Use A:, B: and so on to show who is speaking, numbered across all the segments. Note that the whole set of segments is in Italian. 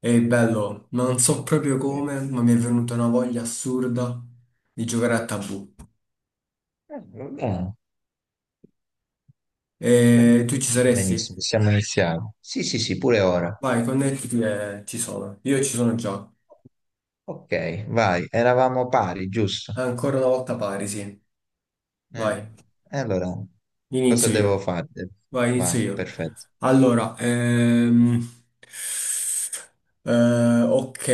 A: E bello, ma non so proprio
B: Eh,
A: come, ma mi è venuta una voglia assurda di giocare a Tabù.
B: Va bene. Per
A: E tu
B: me
A: ci
B: va
A: saresti?
B: benissimo, possiamo iniziare. Sì, sì, sì, pure ora.
A: Vai, connettiti e ci sono. Io ci sono già.
B: Ok, vai, eravamo pari, giusto?
A: Ancora una volta pari, sì.
B: Eh,
A: Vai,
B: e allora, cosa
A: inizio
B: devo
A: io.
B: fare?
A: Vai, inizio
B: Vai,
A: io.
B: perfetto.
A: Allora, ok.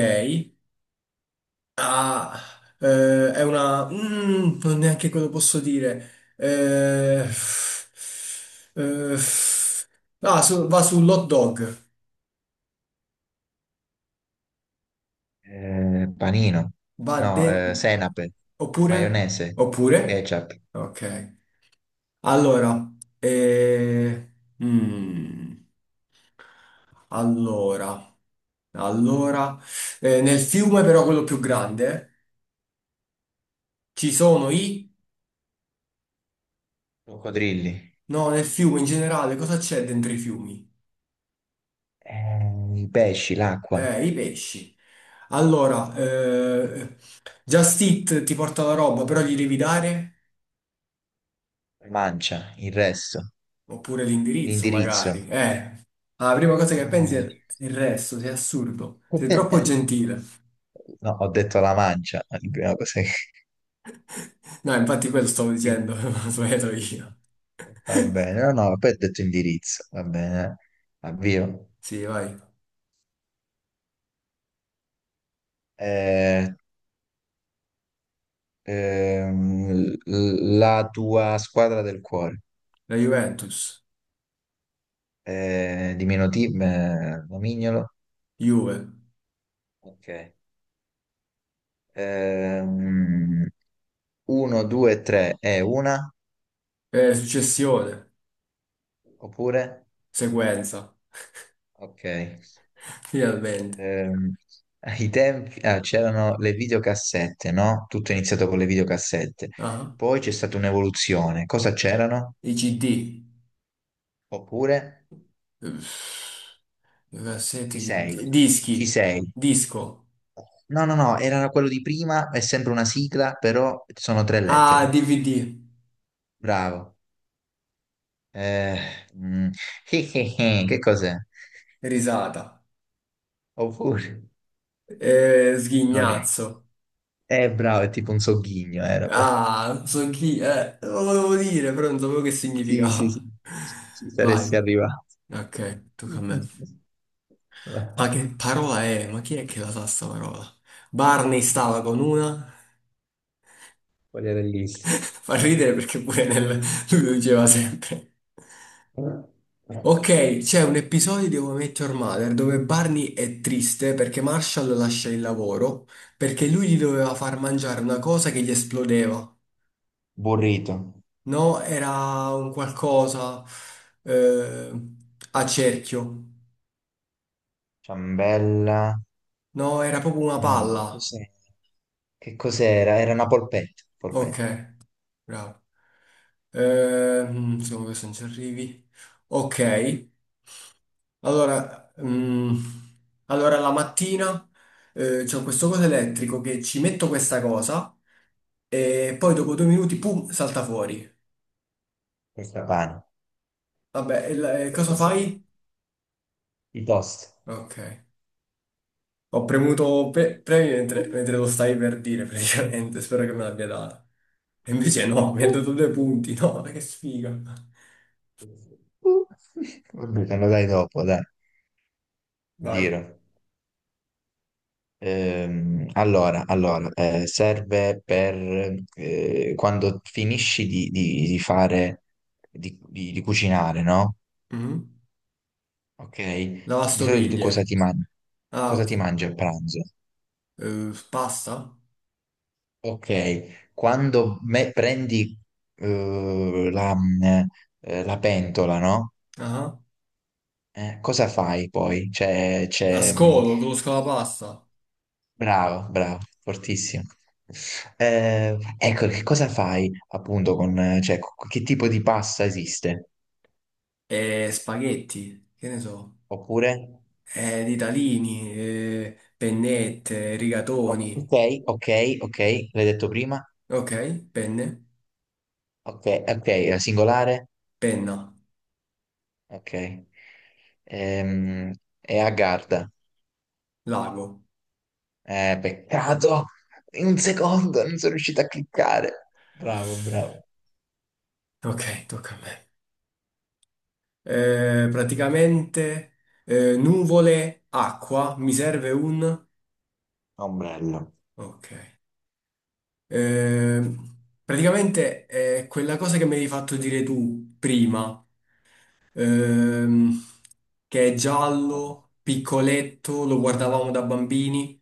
A: Ah, è una mm, non neanche quello posso dire. Eh,
B: Mm.
A: eh, va sull'hot dog.
B: Panino,
A: Va
B: no,
A: de...
B: senape,
A: Oppure?
B: maionese,
A: Oppure?
B: ketchup,
A: Ok. Allora, eh, mm, allora, allora, nel fiume però quello più grande ci sono i...
B: coccodrilli,
A: No, nel fiume in generale cosa c'è dentro i fiumi?
B: i pesci, l'acqua,
A: I pesci. Allora, Just Eat ti porta la roba, però gli devi dare?
B: mancia, il resto,
A: Oppure l'indirizzo,
B: l'indirizzo.
A: magari. La prima cosa che pensi
B: Ah,
A: è il resto, sei assurdo. Sei troppo gentile.
B: No, ho detto la mancia, è la prima cosa che
A: No, infatti quello stavo dicendo,
B: quindi-
A: ho sbagliato io.
B: va bene, no, no, poi ho detto indirizzo, va bene, avvio.
A: Sì, vai.
B: Eh, ehm, la tua squadra del cuore,
A: La Juventus.
B: diminutivo, nomignolo.
A: Juve.
B: Ok. Ehm, Uno, due, tre è una,
A: Successione.
B: oppure?
A: Sequenza.
B: Ok.
A: Finalmente.
B: Ehm, Ai tempi ah, c'erano le videocassette, no? Tutto è iniziato con le videocassette.
A: Ah,
B: Poi c'è stata un'evoluzione. Cosa c'erano?
A: i CD.
B: Oppure
A: Uff, cassette,
B: ci sei,
A: CD.
B: ci
A: Dischi.
B: sei.
A: Disco.
B: No, no, no, era quello di prima, è sempre una sigla, però sono tre
A: Ah,
B: lettere.
A: DVD,
B: Bravo. Eh, mm, che cos'è?
A: risata,
B: Oppure no, ne-
A: sghignazzo.
B: bravo, è tipo un sogghigno, era per...
A: Ah, so chi, lo volevo dire, però non sapevo che
B: Sì, sì, sì,
A: significava.
B: ci
A: Vai,
B: saresti arrivato.
A: ok, tocca a me. Ma
B: Vabbè.
A: che parola è? Ma chi è che la sa sta parola? Barney stava con una.
B: Quella era bellissima.
A: Fa ridere perché pure nel... lui lo diceva sempre. Ok, c'è un episodio di How I Met Your Mother dove Barney è triste perché Marshall lascia il lavoro perché lui gli doveva far mangiare una cosa che gli esplodeva.
B: Burrito,
A: No, era un qualcosa eh, a cerchio.
B: ciambella,
A: No, era proprio una
B: no, che
A: palla.
B: cos'era? Che cos'era? Era una polpetta,
A: Ok,
B: polpetta,
A: bravo. Secondo me se non ci arrivi. Ok, allora, allora la mattina c'è questo coso elettrico che ci metto questa cosa e poi dopo due minuti, pum, salta fuori.
B: questa pane,
A: Vabbè, e e
B: questa
A: cosa
B: cos'era?
A: fai?
B: I toast.
A: Ok. Ho premuto premi
B: Uh,
A: mentre lo stai per dire, praticamente. Spero che me l'abbia data. E invece no, mi ha dato due punti. No, ma che sfiga.
B: uh, uh. Vabbè, te lo dai dopo, dai,
A: Vai.
B: giro. Allora, allora, serve per quando finisci di fare, di cucinare, no?
A: Mhm.
B: Ok? Di solito tu
A: Lavastoviglie.
B: cosa ti mangi?
A: Ah,
B: Cosa
A: ok.
B: ti mangi a pranzo?
A: Pasta?
B: Ok, quando me- prendi eh, la, la pentola, no?
A: Ah.
B: Cosa fai poi? C'è,
A: La
B: c'è,
A: scolo, conosco la pasta.
B: bravo, bravo, fortissimo. Ecco, che cosa fai appunto con, cioè, co- che tipo di pasta esiste?
A: E spaghetti, che ne so.
B: Oppure,
A: Ditalini, pennette,
B: o-
A: rigatoni.
B: ok, ok, ok, l'hai detto prima,
A: Ok, penne,
B: ok, ok, è singolare,
A: penna,
B: ok. Ehm, è a Garda.
A: lago.
B: Peccato, in un secondo non sono riuscito a cliccare. Bravo, bravo.
A: Ok, tocca a me. Praticamente nuvole, acqua, mi serve un...
B: Ombrello.
A: Ok. Eh, praticamente è quella cosa che mi hai fatto dire tu prima, ehm, che è giallo, piccoletto, lo guardavamo da bambini.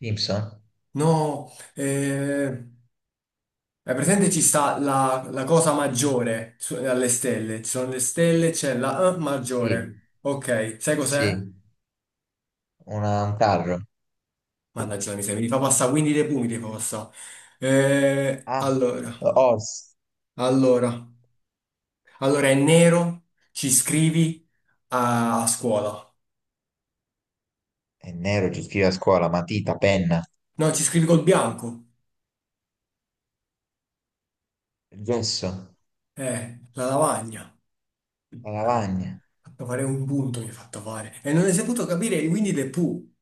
B: Simpson?
A: No, è presente ci sta la cosa maggiore alle stelle, ci sono le stelle, c'è la
B: Sì,
A: maggiore. Ok, sai cos'è?
B: sì, una- un carro.
A: Mannaggia la miseria, mi fa passare, quindi dei pumi ti fa passare.
B: Ah,
A: Allora,
B: Oz.
A: allora, allora è nero, ci scrivi a scuola.
B: È nero, ci scrive a scuola, matita, penna,
A: No, ci scrivi col bianco.
B: il gesso,
A: La lavagna.
B: la
A: Mannaggia, mi ha
B: lavagna.
A: fatto fare un punto, mi ha fatto fare. E non hai saputo capire, quindi dei pu.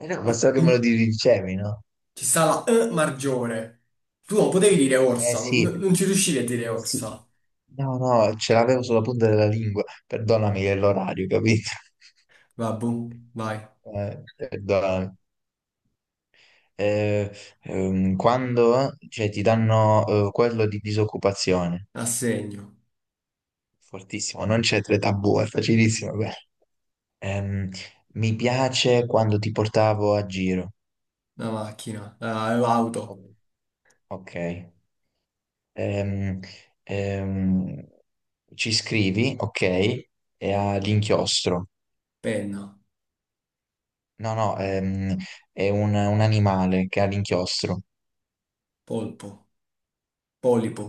B: Eh no, ma so che me lo dicevi, no?
A: Ci sta la E maggiore. Tu non potevi dire
B: Eh
A: orsa,
B: sì,
A: non ci riuscivi a dire
B: sì.
A: orsa.
B: No, no, ce l'avevo sulla punta della lingua. Perdonami, è l'orario, capito?
A: Vabbù, vai,
B: Perdonami. Eh, Quando cioè, ti danno quello di disoccupazione,
A: assegno,
B: fortissimo, non c'è tre tabù, è facilissimo. Quello. Ehm, Mi piace quando ti portavo a giro.
A: la macchina, l'auto,
B: Ok. Ehm, ehm, Ci scrivi, ok, e ha l'inchiostro.
A: penna,
B: No, no, è un animale che ha l'inchiostro.
A: polpo. Polipo,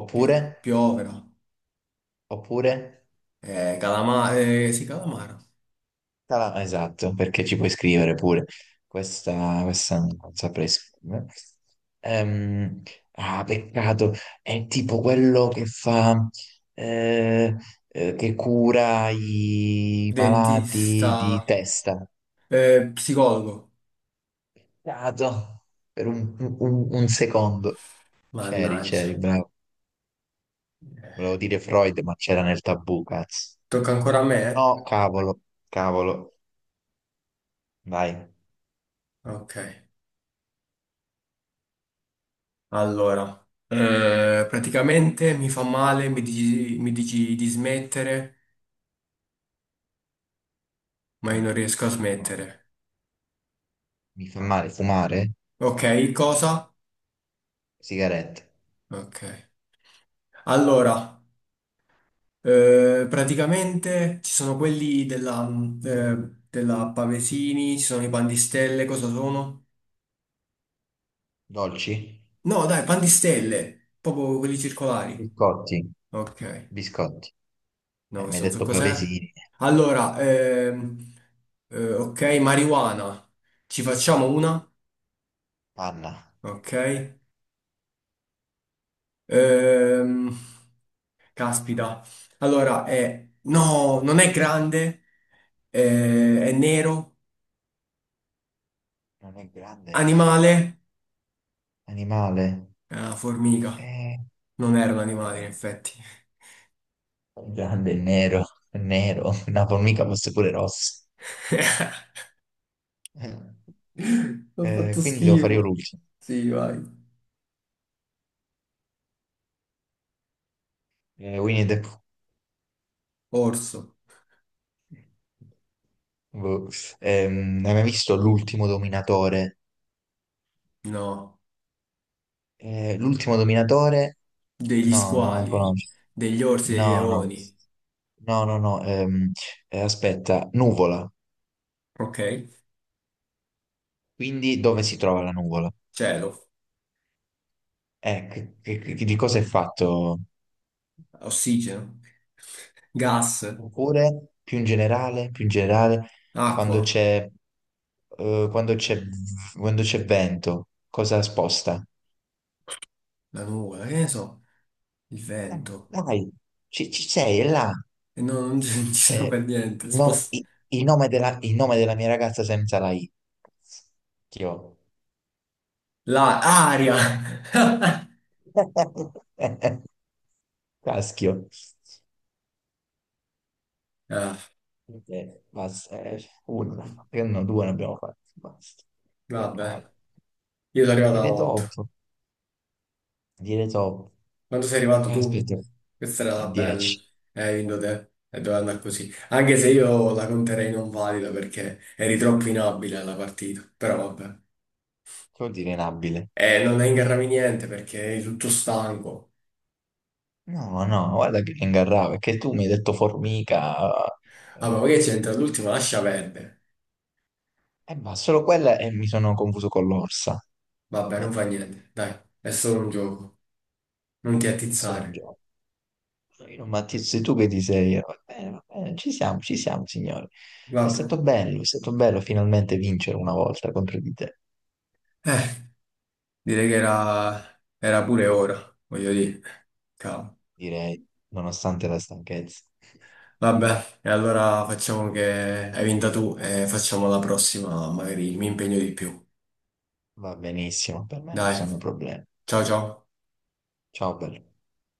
B: Oppure,
A: Piovera,
B: oppure,
A: sì, calamaro,
B: tala- esatto, perché ci puoi scrivere pure. Questa non saprei scrivere. Ehm, ah, peccato, è tipo quello che fa, eh, che cura i malati di
A: dentista,
B: testa.
A: psicologo.
B: Dato. Per un secondo. C'eri,
A: Mannaggia,
B: c'eri, bravo. Volevo dire Freud, ma c'era nel tabù, cazzo.
A: tocca ancora a me?
B: No, cavolo, cavolo. Vai.
A: Eh? Ok, allora. Praticamente mi fa male, mi dici di smettere, ma io non
B: Mm,
A: riesco a
B: no.
A: smettere.
B: Mi fa male fumare?
A: Ok, cosa?
B: Sigarette.
A: Ok. Allora, praticamente ci sono quelli della Pavesini, ci sono i pandistelle, cosa sono?
B: Dolci?
A: No, dai, pan di stelle, proprio quelli circolari.
B: Biscotti.
A: Ok,
B: Biscotti.
A: no,
B: Mi hai
A: questo non so
B: detto
A: cos'è.
B: pavesini.
A: Allora, ok, marijuana. Ci facciamo una?
B: Panna.
A: Ok. Ehm, caspita. Allora, è... No, non è grande, è nero.
B: Non è grande, è nero.
A: Animale?
B: Animale?
A: È una formica.
B: Eh,
A: Non era un
B: è
A: animale, in effetti.
B: grande, è nero. È nero. Una formica fosse pure rossa.
A: Ho fatto
B: Quindi devo fare io
A: schifo.
B: l'ultimo.
A: Sì, vai.
B: Winnie the Pooh.
A: Orso.
B: Boh. Hai mai visto L'ultimo Dominatore?
A: No.
B: L'ultimo Dominatore?
A: Degli
B: No, non la
A: squali,
B: conosco.
A: degli orsi, dei
B: No, no.
A: leoni,
B: No, no, no. Aspetta, nuvola.
A: ok?
B: Quindi dove si trova la nuvola?
A: Cielo,
B: Di cosa è fatto?
A: ossigeno, gas,
B: Oppure, più in generale, quando
A: acqua,
B: c'è eh, quando c'è quando c'è vento, cosa sposta?
A: la nuvola, che ne so, il
B: Eh,
A: vento.
B: Dai, ci sei, è là.
A: E no, non ci non ci sono
B: Eh,
A: per niente.
B: il, no- i- Il nome della, il nome della mia ragazza senza la I. Schio.
A: Aria!
B: Caschio.
A: Ah,
B: Basta, uno, perché no, due ne abbiamo fatti, basta.
A: vabbè,
B: Peccato.
A: io sono arrivato a
B: Dire
A: 8.
B: top, dire top.
A: Quando sei arrivato tu?
B: Aspetta,
A: Questa era
B: a
A: la bella.
B: 10.
A: Hai vinto te. E doveva andare così. Anche se io la conterei non valida perché eri troppo inabile alla partita. Però vabbè.
B: Che vuol dire inabile?
A: E non ingarrami niente perché eri tutto stanco.
B: No, no, guarda che ingarrava, perché tu mi hai detto formica,
A: Ah, ma
B: eh,
A: magari c'entra all'ultimo, lascia perdere.
B: ma solo quella e mi sono confuso con l'orsa.
A: Vabbè, non fa
B: Eh,
A: niente, dai, è solo un gioco. Non ti
B: è solo un
A: attizzare.
B: gioco. Io, Matteo, sei tu che ti sei... va bene, va bene, ci siamo, signore.
A: Vabbè.
B: È stato bello finalmente vincere una volta contro di te,
A: Eh, direi che era, pure ora, voglio dire. Cavolo.
B: direi, nonostante la stanchezza.
A: Vabbè, e allora facciamo che hai vinta tu e facciamo la prossima, magari mi impegno di più.
B: Va benissimo, per me non ci
A: Dai,
B: sono problemi.
A: ciao ciao.
B: Ciao, bello.